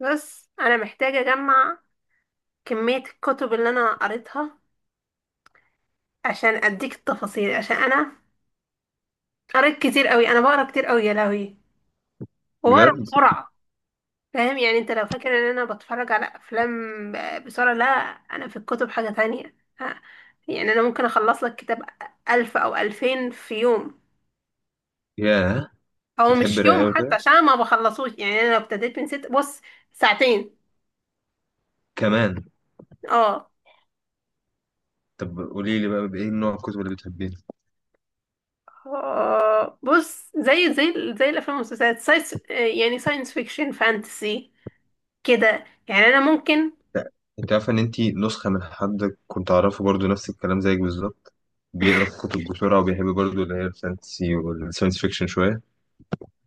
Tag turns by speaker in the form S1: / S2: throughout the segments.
S1: بس انا محتاجة اجمع كمية الكتب اللي انا قريتها عشان اديك التفاصيل. عشان انا قريت كتير قوي، انا بقرا كتير قوي يا لهوي وبقرا
S2: بجد.
S1: بسرعة. فاهم، يعني انت لو فاكر ان انا بتفرج على افلام بسرعة، لا. انا في الكتب حاجة تانية ها، يعني انا ممكن اخلص لك كتاب 1000 او 2000 في يوم.
S2: ياه. انت
S1: او
S2: بتحب
S1: مش
S2: الرواية
S1: يوم
S2: قوي
S1: حتى
S2: كده
S1: عشان ما بخلصوش، يعني انا لو ابتديت من ست، بص، ساعتين.
S2: كمان؟
S1: اه.
S2: طب قولي لي بقى بايه نوع الكتب اللي بتحبيه؟
S1: بص، زي الافلام والمسلسلات ساينس، يعني ساينس فيكشن فانتسي كده. يعني انا ممكن،
S2: لا، انت عارفه ان انت نسخه من حد كنت اعرفه، برضو نفس الكلام زيك بالظبط. بيقرا الكتب بسرعه وبيحب برضو اللي هي الفانتسي والساينس فيكشن شويه.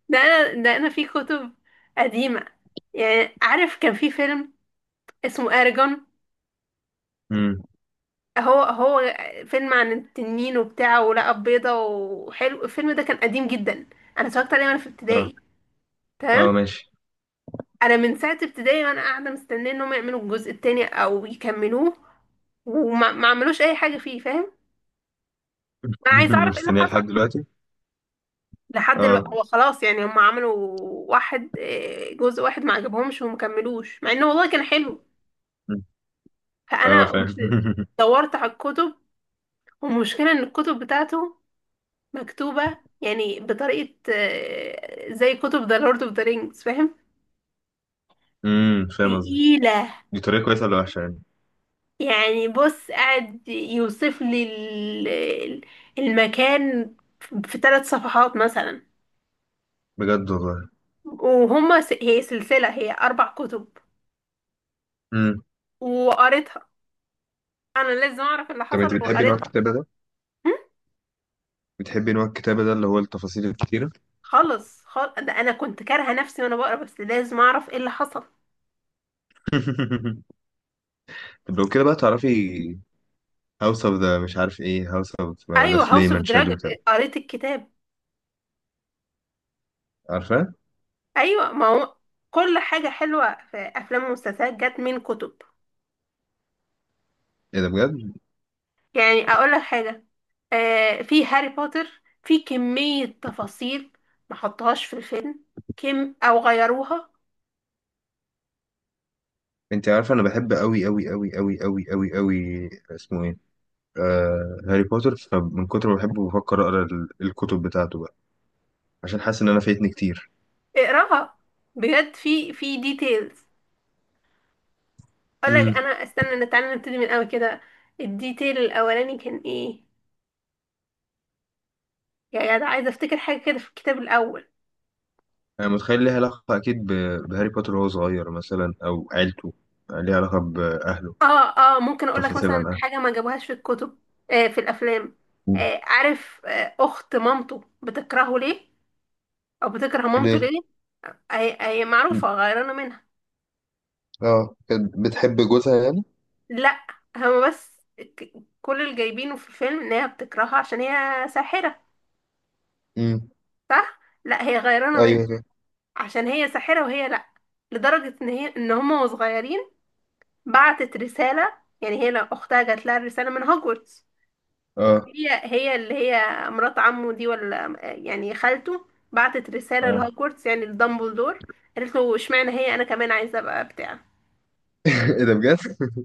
S1: ده انا في كتب قديمه. يعني عارف كان في فيلم اسمه ارجون،
S2: امم.
S1: هو هو فيلم عن التنين وبتاع، ولقى بيضه، وحلو الفيلم ده، كان قديم جدا. انا اتفرجت عليه وانا في
S2: اه،
S1: ابتدائي.
S2: اه،
S1: تمام.
S2: ماشي.
S1: انا من ساعه ابتدائي وانا قاعده مستنيه انهم يعملوا الجزء التاني او يكملوه، وما ما عملوش اي حاجه فيه، فاهم. انا عايزه اعرف ايه اللي
S2: مستنيه لحد
S1: حصل.
S2: دلوقتي.
S1: لحد دلوقتي
S2: اه.
S1: هو خلاص، يعني هم عملوا واحد، جزء واحد ما عجبهمش وما كملوش، مع انه والله كان حلو.
S2: مم. اه،
S1: فانا قمت
S2: فاهم.
S1: دورت على الكتب. والمشكله ان الكتب بتاعته مكتوبه يعني بطريقه زي كتب ذا لورد اوف ذا رينجز، فاهم.
S2: فاهم قصدي.
S1: تقيله.
S2: دي طريقه كويسه ولا وحشه يعني؟
S1: يعني بص، قاعد يوصف لي المكان في 3 صفحات مثلا.
S2: بجد والله.
S1: هي سلسله، هي 4 كتب،
S2: امم
S1: وقريتها. انا لازم اعرف اللي
S2: طب انت
S1: حصل
S2: بتحبي نوع
S1: وقريتها.
S2: الكتابه ده
S1: هم؟
S2: بتحبي نوع الكتابه ده اللي هو التفاصيل الكتيره؟
S1: خالص خالص، ده انا كنت كارهه نفسي وانا بقرا، بس لازم اعرف ايه اللي حصل.
S2: طب لو كده بقى تعرفي هاوس اوف ذا مش عارف ايه، هاوس اوف ذا
S1: ايوه، هاوس
S2: فليم
S1: اوف
S2: اند
S1: دراجون،
S2: شادو كده.
S1: قريت الكتاب.
S2: عارفه؟
S1: ايوه ما هو، كل حاجه حلوه في افلام ومسلسلات جت من كتب.
S2: ايه ده بجد؟
S1: يعني اقول لك حاجه، في هاري بوتر في كميه تفاصيل ما حطهاش في الفيلم، كم او غيروها.
S2: انت عارفه انا بحب قوي قوي قوي قوي قوي قوي قوي اسمه ايه، هاري بوتر. فمن كتر ما بحبه بفكر اقرا الكتب بتاعته بقى، عشان حاسس ان انا فايتني كتير.
S1: اقراها، بجد، في في ديتيلز. اقول لك
S2: امم.
S1: انا، استنى، تعالى نبتدي من الاول كده، الديتيل الاولاني كان ايه؟ يا جدع، عايزه افتكر حاجه كده في الكتاب الاول.
S2: انا متخيل ليها علاقه اكيد بهاري بوتر وهو صغير مثلا او عيلته. ليها علاقه باهله.
S1: اه، اه ممكن اقول لك
S2: تفاصيل
S1: مثلا
S2: عن اهله.
S1: حاجه ما جابوهاش في الكتب، في الافلام.
S2: مم.
S1: عارف، اخت مامته بتكرهه ليه؟ او بتكره مامته
S2: ليه؟
S1: ليه؟ هي هي معروفه غيرانه منها.
S2: اه، كانت بتحب جوزها يعني.
S1: لا، هما بس، ك- كل اللي جايبينه في الفيلم ان هي بتكرهها عشان هي ساحره.
S2: امم.
S1: صح. لا، هي غيرانه منها
S2: ايوه كده.
S1: عشان هي ساحره وهي لا، لدرجه ان هي ان هما وصغيرين، بعتت رساله، يعني هي لو اختها جات لها رساله من هوجورتس.
S2: اه،
S1: هي هي اللي هي مرات عمه دي، ولا يعني خالته، بعتت رسالة
S2: اه.
S1: لهوجورتس، يعني لدامبلدور. قالت له اشمعنى هي، انا كمان عايزة ابقى بتاع.
S2: ايه ده بجد؟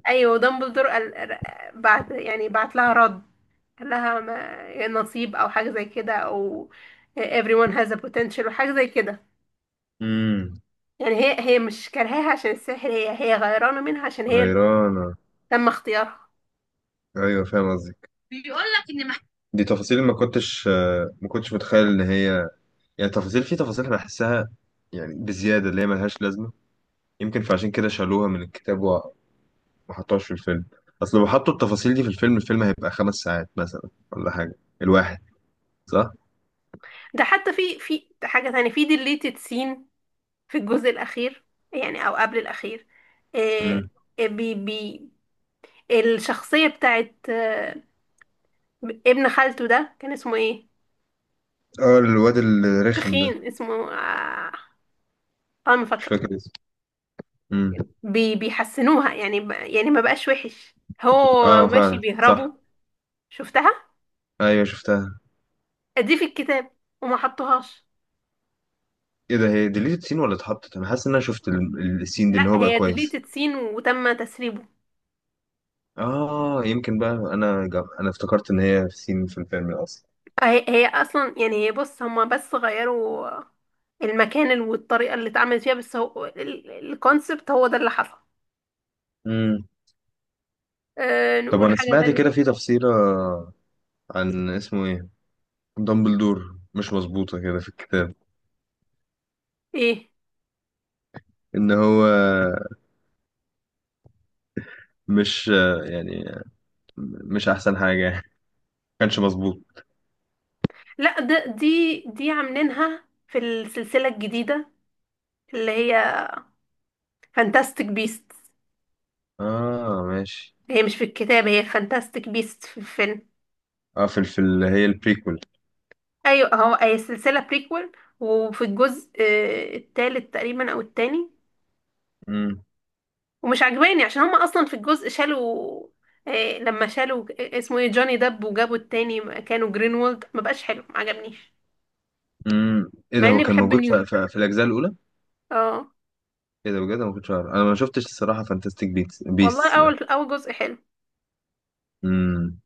S1: ايوه دامبلدور قال بعت، يعني بعت لها رد. قال لها نصيب او حاجة زي كده، او everyone has a potential، وحاجة زي كده.
S2: مم.
S1: يعني هي هي مش كارهاها عشان السحر، هي هي غيرانة منها عشان هي اللي
S2: غيرانة.
S1: تم اختيارها.
S2: أيوة، فاهم قصدك، بيقول لك ان دي تفاصيل ما كنتش متخيل إن هي، يعني تفاصيل في تفاصيل أنا بحسها، يعني بزيادة اللي هي ملهاش لازمة. يمكن فعشان كده شالوها من الكتاب وما حطوهاش في الفيلم. أصل لو حطوا التفاصيل دي في الفيلم، الفيلم هيبقى 5 ساعات مثلا ولا حاجة الواحد، صح؟
S1: ده حتى في في حاجة تانية في deleted scene في الجزء الأخير، يعني أو قبل الأخير. آه،
S2: امم.
S1: آه، بي بي الشخصية بتاعت ابن خالته ده كان اسمه ايه؟
S2: اه، الواد الرخم ده.
S1: تخين اسمه اه. ما
S2: مش
S1: فاكرة.
S2: فاكر اسمه. امم.
S1: بيحسنوها يعني، يعني ما بقاش وحش، هو
S2: اه،
S1: ماشي
S2: فعلا
S1: بيهربوا.
S2: صح.
S1: شفتها؟
S2: أيوة شفتها.
S1: دي في الكتاب وما حطوهاش.
S2: إيه ده، هي ديليتد سين ولا اتحطت؟ أنا حاسس إن أنا شفت السين دي إن
S1: لا،
S2: هو بقى
S1: هي
S2: كويس.
S1: ديليتد سين وتم تسريبه.
S2: اه، يمكن بقى انا افتكرت ان هي في سين في الفيلم اصلا.
S1: هي هي اصلا، يعني هي، بص، هما بس غيروا المكان والطريقه اللي اتعملت فيها، بس هو الكونسبت هو ده اللي حصل.
S2: امم.
S1: أه،
S2: طب
S1: نقول
S2: انا
S1: حاجه
S2: سمعت
S1: تانية.
S2: كده في تفسيرة عن اسمه ايه دامبلدور، مش مظبوطة كده في الكتاب،
S1: ايه،
S2: ان هو مش يعني مش احسن حاجة يعني، ما كانش مظبوط.
S1: لا ده دي عاملينها في السلسله الجديده اللي هي فانتاستيك بيست.
S2: اه ماشي.
S1: هي مش في الكتاب، هي فانتاستيك بيست في الفيلم.
S2: اه، في اللي هي البريكول.
S1: ايوه هو، هي سلسله بريكول. وفي الجزء التالت تقريبا او التاني،
S2: امم
S1: ومش عجباني عشان هما اصلا في الجزء شالوا، لما شالوا اسمه ايه، جوني دب، وجابوا التاني مكانه جرينولد، ما بقاش حلو، ما عجبنيش.
S2: ايه
S1: مع
S2: ده، هو
S1: اني
S2: كان
S1: بحب
S2: موجود
S1: نيوت.
S2: في الاجزاء الاولى؟
S1: اه
S2: ايه ده بجد، انا ما كنتش عارف. انا ما شفتش الصراحة فانتستيك بيتس
S1: والله
S2: بيس.
S1: اول اول جزء حلو.
S2: امم.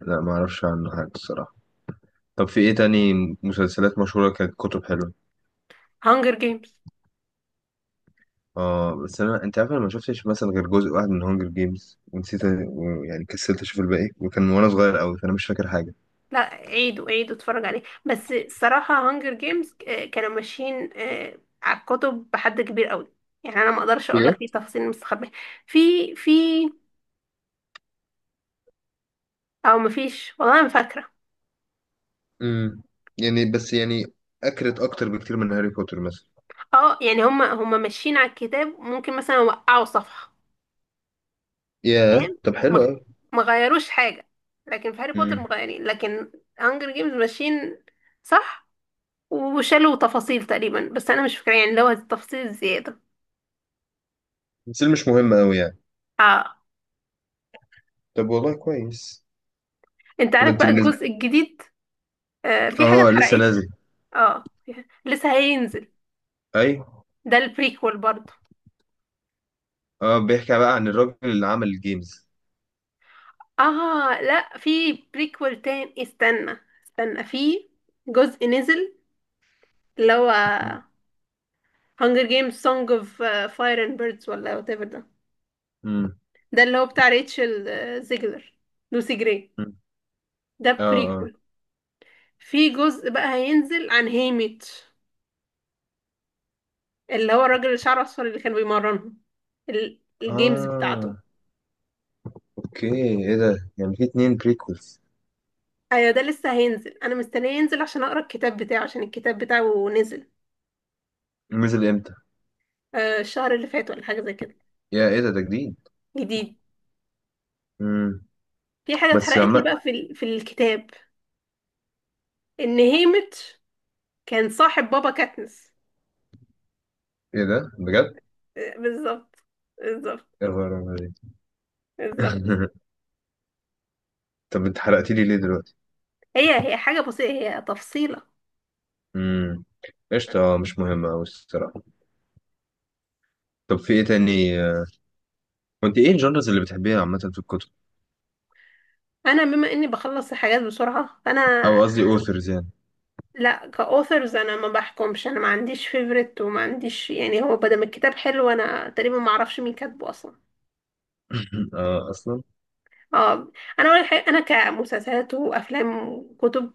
S2: لا، ما اعرفش عنه حاجة الصراحة. طب في ايه تاني مسلسلات مشهورة كانت كتب حلوة؟
S1: هانجر جيمز.
S2: اه، بس انا، انت عارف، انا ما شفتش مثلا غير جزء واحد من هونجر جيمز ونسيت يعني كسلت اشوف الباقي، وكان وانا صغير قوي، فانا مش فاكر حاجة.
S1: لا عيدوا عيدوا اتفرج عليه، بس الصراحة هانجر جيمز كانوا ماشيين على الكتب بحد كبير قوي. يعني انا ما اقدرش اقول
S2: بجد.
S1: لك ايه تفاصيل مستخبية في في، او مفيش والله، انا فاكرة.
S2: امم يعني بس، يعني اكرت اكتر بكتير من هاري بوتر مثلا.
S1: اه، يعني هما ماشيين على الكتاب، ممكن مثلا وقعوا صفحة،
S2: ياه،
S1: فاهم،
S2: طب حلو
S1: ما
S2: قوي.
S1: ما غيروش حاجة. لكن في هاري بوتر
S2: امم
S1: مغيرين، لكن هانجر جيمز ماشيين. صح. وشالوا تفاصيل تقريبا بس انا مش فاكره، يعني لو هذه التفاصيل الزياده.
S2: بس اللي مش مهم قوي يعني.
S1: اه.
S2: طب والله كويس.
S1: انت
S2: طب
S1: عارف
S2: انت
S1: بقى
S2: بالنسبة.
S1: الجزء الجديد؟ في حاجه
S2: اه، لسه
S1: اتحرقت لي.
S2: نازل.
S1: اه، لسه هينزل،
S2: ايوه.
S1: ده البريكول برضه.
S2: اه، بيحكي بقى عن الراجل اللي عمل الجيمز.
S1: اه لا، في بريكول تاني. استنى استنى، في جزء نزل اللي هو هانجر جيمز سونج اوف فاير اند بيردز، ولا وات ايفر ده.
S2: امم.
S1: ده اللي هو بتاع ريتشل زيجلر، لوسي جراي، ده
S2: اه،
S1: بريكول. في جزء بقى هينزل عن هيميتش، اللي هو الراجل اللي شعره اصفر اللي كان بيمرنهم
S2: اه،
S1: الجيمز بتاعته.
S2: اه، اوكي. ايه ده، يعني في 2 بريكولز؟
S1: ايوه، ده لسه هينزل، انا مستنيه ينزل عشان اقرا الكتاب بتاعه. عشان الكتاب بتاعه نزل
S2: نزل امتى؟
S1: الشهر اللي فات ولا حاجه زي كده.
S2: يا ايه ده، ده جديد.
S1: جديد.
S2: امم
S1: في حاجه
S2: بس
S1: اتحرقت لي
S2: لما.
S1: بقى في في الكتاب، ان هيميتش كان صاحب بابا كاتنس.
S2: ايه ده بجد؟
S1: بالظبط. بالظبط.
S2: يا خبر أبيض.
S1: بالظبط.
S2: طب انت حرقت لي ليه دلوقتي؟
S1: هي هي حاجه بسيطه، هي تفصيله.
S2: امم قشطة، مش مهمة أوي الصراحة. طب في ايه تاني؟ وانت ايه الجانرز اللي بتحبيها عامة في الكتب؟
S1: انا بما اني بخلص الحاجات بسرعه فانا،
S2: او قصدي اوثرز يعني.
S1: لا كاوثرز انا ما بحكمش، انا ما عنديش فيفرت وما عنديش، يعني هو بدل ما الكتاب حلو انا تقريبا ما اعرفش مين كاتبه اصلا.
S2: اه اصلا.
S1: اه. انا اول حاجه انا كمسلسلات وافلام وكتب،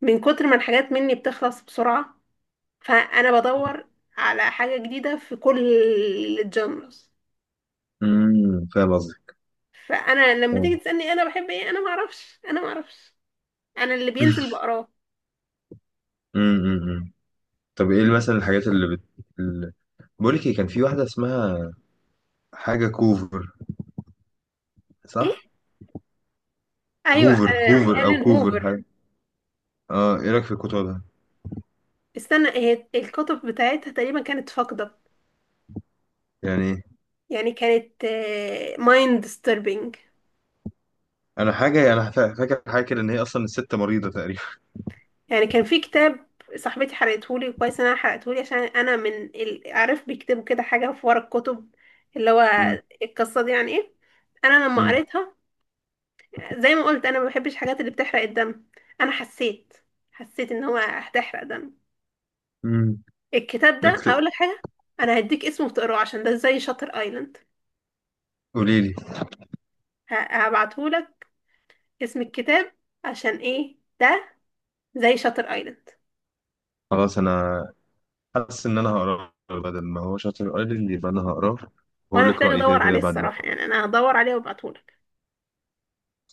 S1: من كتر ما الحاجات مني بتخلص بسرعه فانا بدور على حاجه جديده في كل الجانرز.
S2: فاهم قصدي.
S1: فانا لما تيجي تسالني انا بحب ايه، انا ما اعرفش، انا اللي بينزل بقراه.
S2: امم طب ايه مثلا الحاجات اللي اللي... بقول لك ايه، كان في واحدة اسمها حاجة كوفر،
S1: ايه.
S2: صح؟
S1: ايوه،
S2: هوفر، هوفر او
S1: الين
S2: كوفر.
S1: هوفر.
S2: اه، ايه رايك في كتبها؟
S1: استنى، هي الكتب بتاعتها تقريبا كانت فاقدة.
S2: يعني
S1: يعني كانت مايند disturbing.
S2: انا حاجه، انا فاكر حاجه كده، ان هي اصلا الست مريضه تقريبا.
S1: يعني كان في كتاب، صاحبتي حرقتهولي، كويس ان انا حرقتهولي عشان انا من عارف بيكتبوا كده حاجة في ورا الكتب، اللي هو
S2: امم
S1: القصة دي يعني ايه. انا لما
S2: امم
S1: قريتها، زي ما قلت انا ما بحبش الحاجات اللي بتحرق الدم، انا حسيت، ان هو هتحرق دم.
S2: امم
S1: الكتاب ده، هقول لك حاجة، انا هديك اسمه وتقراه عشان ده زي شاتر ايلاند.
S2: قولي لي.
S1: هبعتهولك اسم الكتاب، عشان ايه ده؟ زي شاتر ايلاند.
S2: خلاص، انا حاسس ان انا هقراه بدل ما هو شاطر قال لي، يبقى انا هقراه وهقول
S1: وانا
S2: لك
S1: محتاجة
S2: رايي كده
S1: ادور
S2: كده
S1: عليه
S2: بعد ما
S1: الصراحة،
S2: اقراه.
S1: يعني انا هدور عليه وابعتهولك.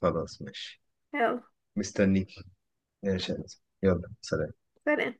S2: خلاص ماشي.
S1: يلا
S2: مستنيك يا شاهد. يلا سلام.
S1: سلام.